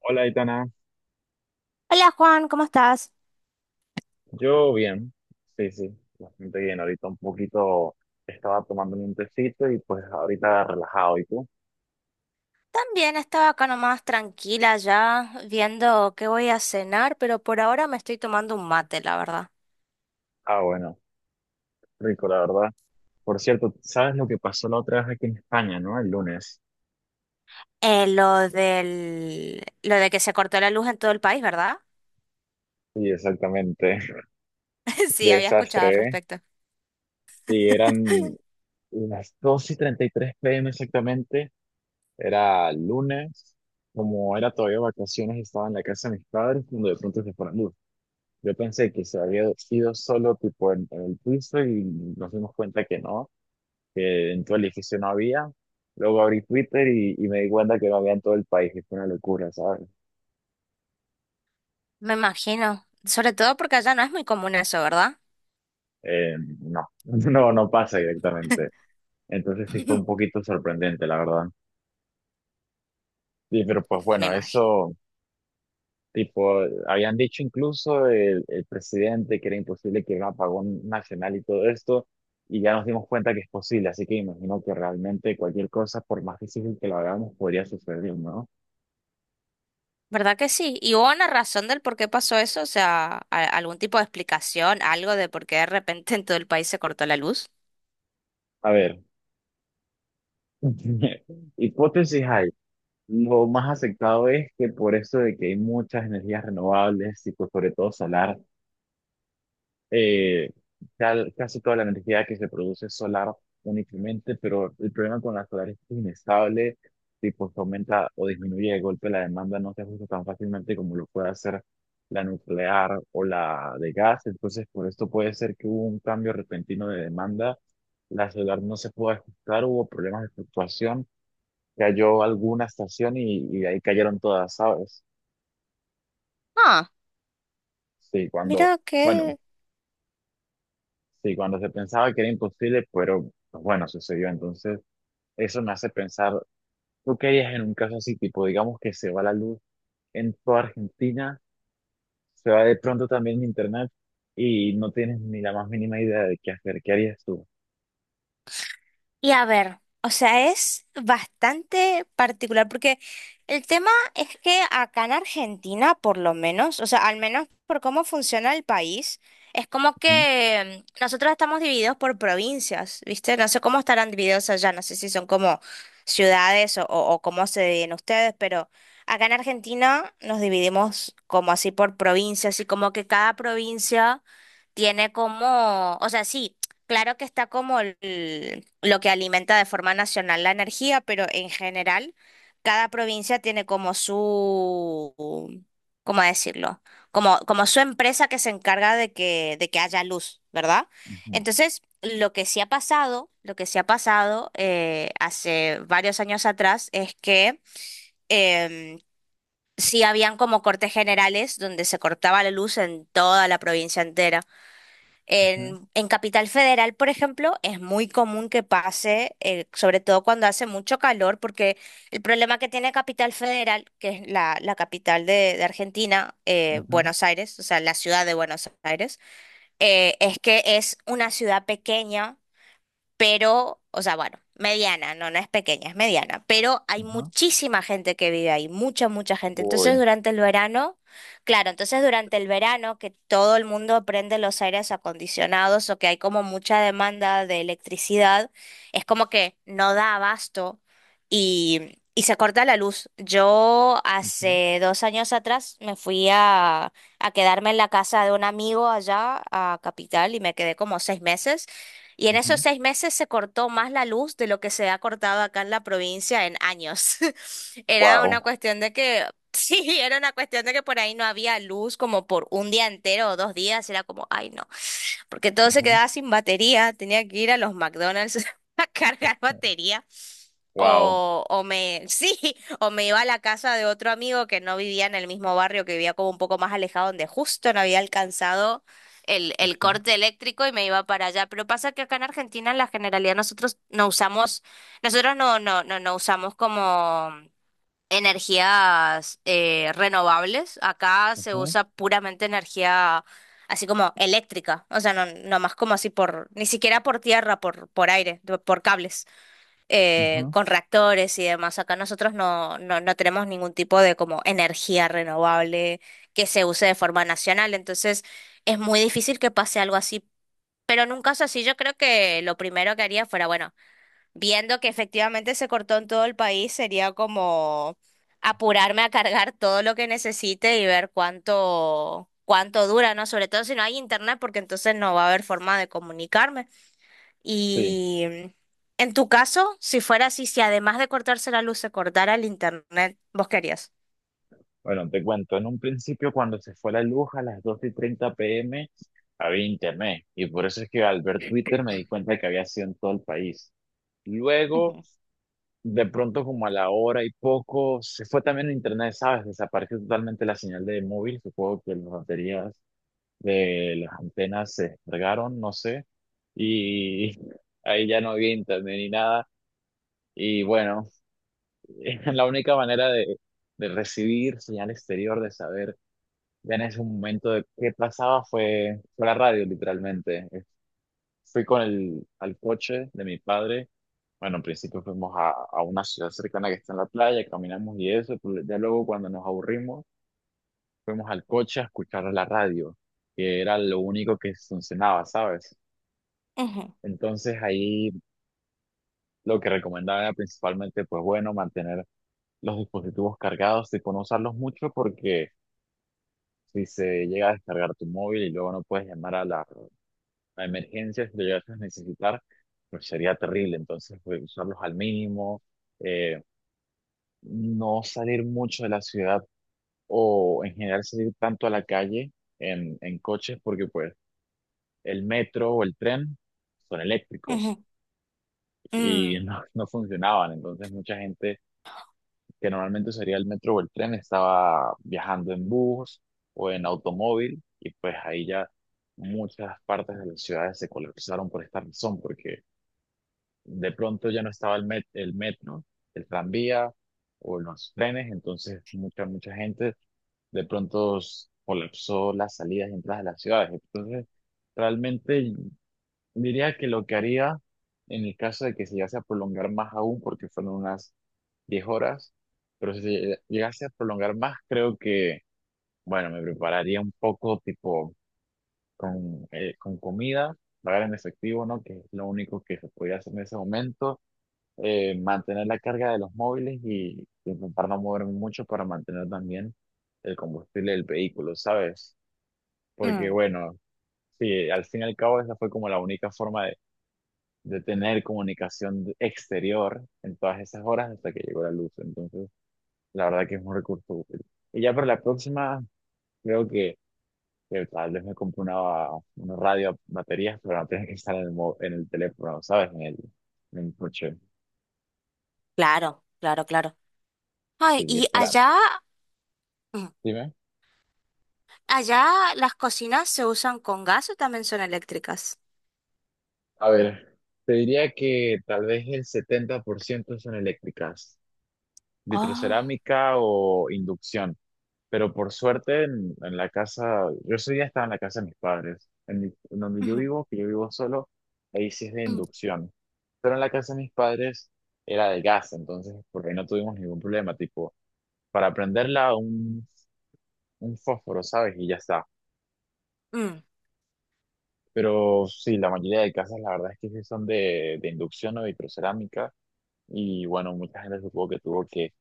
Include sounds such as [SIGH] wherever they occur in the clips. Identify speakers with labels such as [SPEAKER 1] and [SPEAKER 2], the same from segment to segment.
[SPEAKER 1] Hola, Itana.
[SPEAKER 2] Hola Juan, ¿cómo estás?
[SPEAKER 1] Yo bien, sí, sí, bastante bien. Ahorita un poquito estaba tomando un tecito y pues ahorita relajado. ¿Y tú?
[SPEAKER 2] También estaba acá nomás tranquila ya, viendo qué voy a cenar, pero por ahora me estoy tomando un mate, la verdad.
[SPEAKER 1] Ah, bueno, rico, la verdad. Por cierto, ¿sabes lo que pasó la otra vez aquí en España, no? El lunes.
[SPEAKER 2] Lo de que se cortó la luz en todo el país, ¿verdad?
[SPEAKER 1] Sí, exactamente.
[SPEAKER 2] [LAUGHS] Sí, había escuchado
[SPEAKER 1] [LAUGHS]
[SPEAKER 2] al
[SPEAKER 1] Desastre, ¿eh?
[SPEAKER 2] respecto.
[SPEAKER 1] Sí, eran
[SPEAKER 2] [LAUGHS]
[SPEAKER 1] las 2:33 p. m. exactamente. Era lunes. Como era todavía vacaciones, estaba en la casa de mis padres cuando de pronto se fueron. Yo pensé que se había ido solo tipo en el piso y nos dimos cuenta que no, que en todo el edificio no había. Luego abrí Twitter y me di cuenta que no había en todo el país, y fue una locura, ¿sabes?
[SPEAKER 2] Me imagino, sobre todo porque allá no es muy común eso, ¿verdad?
[SPEAKER 1] No, [LAUGHS] no, no pasa directamente. Entonces sí fue un
[SPEAKER 2] [LAUGHS]
[SPEAKER 1] poquito sorprendente, la verdad. Sí, pero pues
[SPEAKER 2] Me
[SPEAKER 1] bueno,
[SPEAKER 2] imagino.
[SPEAKER 1] eso. Tipo, habían dicho incluso el presidente que era imposible que hubiera un apagón nacional y todo esto, y ya nos dimos cuenta que es posible, así que imagino que realmente cualquier cosa, por más difícil que lo hagamos, podría suceder, ¿no?
[SPEAKER 2] ¿Verdad que sí? ¿Y hubo una razón del por qué pasó eso? O sea, algún tipo de explicación, ¿algo de por qué de repente en todo el país se cortó la luz?
[SPEAKER 1] A ver, [LAUGHS] hipótesis hay. Lo más aceptado es que por eso de que hay muchas energías renovables, tipo, sobre todo solar, eh, casi toda la energía que se produce es solar únicamente, pero el problema con la solar es que es inestable, tipo se aumenta o disminuye de golpe la demanda, no se ajusta tan fácilmente como lo puede hacer la nuclear o la de gas. Entonces por esto puede ser que hubo un cambio repentino de demanda, la solar no se pudo ajustar, hubo problemas de fluctuación, cayó alguna estación y de ahí cayeron todas, ¿sabes?
[SPEAKER 2] Ah,
[SPEAKER 1] Sí, cuando...
[SPEAKER 2] mira
[SPEAKER 1] Bueno,
[SPEAKER 2] que...
[SPEAKER 1] sí, cuando se pensaba que era imposible, pero pues, bueno, sucedió. Entonces, eso me hace pensar, ¿tú qué harías en un caso así? Tipo, digamos que se va la luz en toda Argentina, se va de pronto también internet y no tienes ni la más mínima idea de qué hacer. ¿Qué harías tú?
[SPEAKER 2] Y a ver, o sea, es bastante particular porque el tema es que acá en Argentina, por lo menos, o sea, al menos por cómo funciona el país, es como
[SPEAKER 1] Ujú,
[SPEAKER 2] que nosotros estamos divididos por provincias, ¿viste? No sé cómo estarán divididos allá, no sé si son como ciudades o cómo se dividen ustedes, pero acá en Argentina nos dividimos como así por provincias y como que cada provincia tiene como, o sea, sí, claro que está como lo que alimenta de forma nacional la energía, pero en general cada provincia tiene como su, ¿cómo decirlo? Como, como su empresa que se encarga de que haya luz, ¿verdad?
[SPEAKER 1] ujú,
[SPEAKER 2] Entonces, lo que sí ha pasado, lo que sí ha pasado hace varios años atrás es que em, sí habían como cortes generales donde se cortaba la luz en toda la provincia entera.
[SPEAKER 1] ujú,
[SPEAKER 2] En Capital Federal, por ejemplo, es muy común que pase, sobre todo cuando hace mucho calor, porque el problema que tiene Capital Federal, que es la capital de Argentina,
[SPEAKER 1] ujú,
[SPEAKER 2] Buenos Aires, o sea, la ciudad de Buenos Aires, es que es una ciudad pequeña pero, o sea, bueno, mediana, no es pequeña, es mediana, pero hay
[SPEAKER 1] ujú.
[SPEAKER 2] muchísima gente que vive ahí, mucha, mucha gente. Entonces,
[SPEAKER 1] Uy.
[SPEAKER 2] durante el verano, claro, entonces durante el verano que todo el mundo prende los aires acondicionados o que hay como mucha demanda de electricidad, es como que no da abasto y se corta la luz. Yo
[SPEAKER 1] Ujú,
[SPEAKER 2] hace dos años atrás a quedarme en la casa de un amigo allá a Capital y me quedé como seis meses. Y en esos
[SPEAKER 1] ujú.
[SPEAKER 2] seis meses se cortó más la luz de lo que se ha cortado acá en la provincia en años. [LAUGHS] Era una
[SPEAKER 1] Wow.
[SPEAKER 2] cuestión de que, [LAUGHS] sí, era una cuestión de que por ahí no había luz como por un día entero o dos días. Era como, ay, no, porque todo se
[SPEAKER 1] Ujú,
[SPEAKER 2] quedaba sin batería. Tenía que ir a los McDonald's [LAUGHS] a cargar batería.
[SPEAKER 1] wow.
[SPEAKER 2] [LAUGHS] Sí, o me iba a la casa de otro amigo que no vivía en el mismo barrio, que vivía como un poco más alejado, donde justo no había alcanzado el
[SPEAKER 1] Ujú,
[SPEAKER 2] corte eléctrico y me iba para allá. Pero pasa que acá en Argentina, en la generalidad, nosotros no usamos, nosotros no, no, no, no usamos como energías renovables. Acá se
[SPEAKER 1] ujú,
[SPEAKER 2] usa puramente energía así como eléctrica. O sea, no más como así por, ni siquiera por tierra, por aire, por cables
[SPEAKER 1] ujú.
[SPEAKER 2] con reactores y demás. Acá nosotros no tenemos ningún tipo de como energía renovable que se use de forma nacional, entonces es muy difícil que pase algo así. Pero en un caso así, yo creo que lo primero que haría fuera, bueno, viendo que efectivamente se cortó en todo el país, sería como apurarme a cargar todo lo que necesite y ver cuánto dura, ¿no? Sobre todo si no hay internet, porque entonces no va a haber forma de comunicarme.
[SPEAKER 1] Sí.
[SPEAKER 2] Y en tu caso, si fuera así, si además de cortarse la luz se cortara el internet, ¿vos querías?
[SPEAKER 1] Bueno, te cuento, en un principio cuando se fue la luz a las 2:30 p. m. había internet y por eso es que al ver Twitter me di cuenta que había sido en todo el país. Luego,
[SPEAKER 2] Ujú.
[SPEAKER 1] de pronto como a la hora y poco, se fue también el internet, ¿sabes? Desapareció totalmente la señal de móvil, supongo que las baterías de las antenas se descargaron, no sé, y [LAUGHS] ahí ya no había internet ni nada. Y bueno, [LAUGHS] la única manera de recibir señal exterior, de saber ya en ese momento de qué pasaba fue, fue la radio, literalmente. Fui con el al coche de mi padre. Bueno, en principio fuimos a una ciudad cercana que está en la playa, caminamos y eso. Pero ya luego, cuando nos aburrimos, fuimos al coche a escuchar la radio, que era lo único que funcionaba, ¿sabes?
[SPEAKER 2] Ujú,
[SPEAKER 1] Entonces ahí lo que recomendaba era principalmente, pues bueno, mantener los dispositivos cargados y no usarlos mucho porque si se llega a descargar tu móvil y luego no puedes llamar a la a emergencias que llegas a necesitar, pues sería terrible. Entonces, pues, usarlos al mínimo, eh, no salir mucho de la ciudad o en general salir tanto a la calle en coches, porque pues el metro o el tren son eléctricos
[SPEAKER 2] ujú.
[SPEAKER 1] y
[SPEAKER 2] Mm,
[SPEAKER 1] [LAUGHS] no, no funcionaban. Entonces, mucha gente que normalmente usaría el metro o el tren estaba viajando en bus o en automóvil y pues ahí ya... Muchas partes de las ciudades se colapsaron por esta razón, porque de pronto ya no estaba el metro, el tranvía o los trenes, entonces mucha gente de pronto colapsó las salidas y entradas de las ciudades. Entonces, realmente diría que lo que haría en el caso de que se llegase a prolongar más aún, porque fueron unas 10 horas, pero si llegase a prolongar más, creo que, bueno, me prepararía un poco tipo con comida, pagar en efectivo, ¿no? Que es lo único que se podía hacer en ese momento. Mantener la carga de los móviles y intentar no moverme mucho para mantener también el combustible del vehículo, ¿sabes? Porque
[SPEAKER 2] mm.
[SPEAKER 1] bueno, sí, al fin y al cabo esa fue como la única forma de tener comunicación exterior en todas esas horas hasta que llegó la luz. Entonces, la verdad que es un recurso útil. Y ya para la próxima, creo que tal vez me compre una radio a baterías, pero no tiene que estar en el, en el teléfono, ¿sabes? En el coche.
[SPEAKER 2] Claro, claro, claro. Ay,
[SPEAKER 1] Sí,
[SPEAKER 2] y
[SPEAKER 1] espera,
[SPEAKER 2] allá, mm,
[SPEAKER 1] dime.
[SPEAKER 2] allá las cocinas se usan con gas o también son eléctricas.
[SPEAKER 1] A ver, te diría que tal vez el 70% son eléctricas,
[SPEAKER 2] Ah,
[SPEAKER 1] vitrocerámica o inducción, pero por suerte en la casa, yo ese día estaba en la casa de mis padres, en, en donde yo
[SPEAKER 2] ujú,
[SPEAKER 1] vivo, que yo vivo solo, ahí sí es de inducción, pero en la casa de mis padres era de gas, entonces por ahí no tuvimos ningún problema, tipo, para prenderla un fósforo, ¿sabes? Y ya está.
[SPEAKER 2] mm, mm.
[SPEAKER 1] Pero sí, la mayoría de casas la verdad es que sí son de inducción o vitrocerámica. Y bueno, mucha gente supongo que tuvo que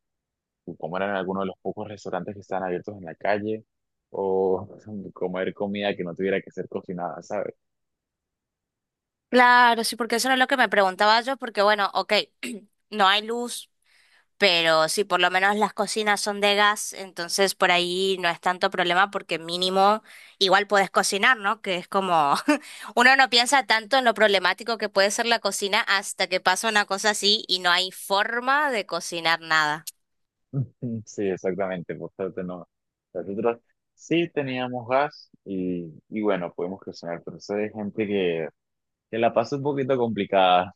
[SPEAKER 1] comer en alguno de los pocos restaurantes que estaban abiertos en la calle o [LAUGHS] comer comida que no tuviera que ser cocinada, ¿sabes?
[SPEAKER 2] Claro, sí, porque eso era lo que me preguntaba yo, porque bueno, ok, [CLEARS THROAT] no hay luz. Pero sí, por lo menos las cocinas son de gas, entonces por ahí no es tanto problema porque mínimo igual puedes cocinar, ¿no? Que es como [LAUGHS] uno no piensa tanto en lo problemático que puede ser la cocina hasta que pasa una cosa así y no hay forma de cocinar nada.
[SPEAKER 1] [LAUGHS] Sí, exactamente, por suerte no. Nosotros sí teníamos gas y bueno, podemos cocinar, pero eso es gente que la pasa un poquito complicada.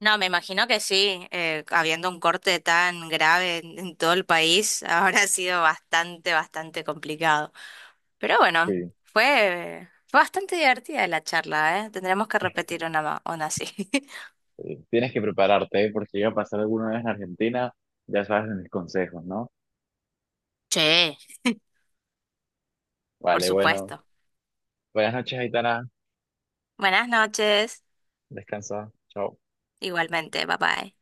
[SPEAKER 2] No, me imagino que sí, habiendo un corte tan grave en todo el país, [LAUGHS] ahora ha sido bastante, bastante complicado. Pero bueno,
[SPEAKER 1] Sí,
[SPEAKER 2] fue bastante divertida la charla, ¿eh? Tendremos que
[SPEAKER 1] [LAUGHS]
[SPEAKER 2] repetir una así. [LAUGHS]
[SPEAKER 1] tienes que prepararte, ¿eh? Porque llega a pasar alguna vez en Argentina, ya sabes de mis consejos, ¿no?
[SPEAKER 2] Che, por
[SPEAKER 1] Vale, bueno,
[SPEAKER 2] supuesto.
[SPEAKER 1] buenas noches, Aitana,
[SPEAKER 2] Buenas noches.
[SPEAKER 1] descansa, chao.
[SPEAKER 2] Igualmente, bye bye.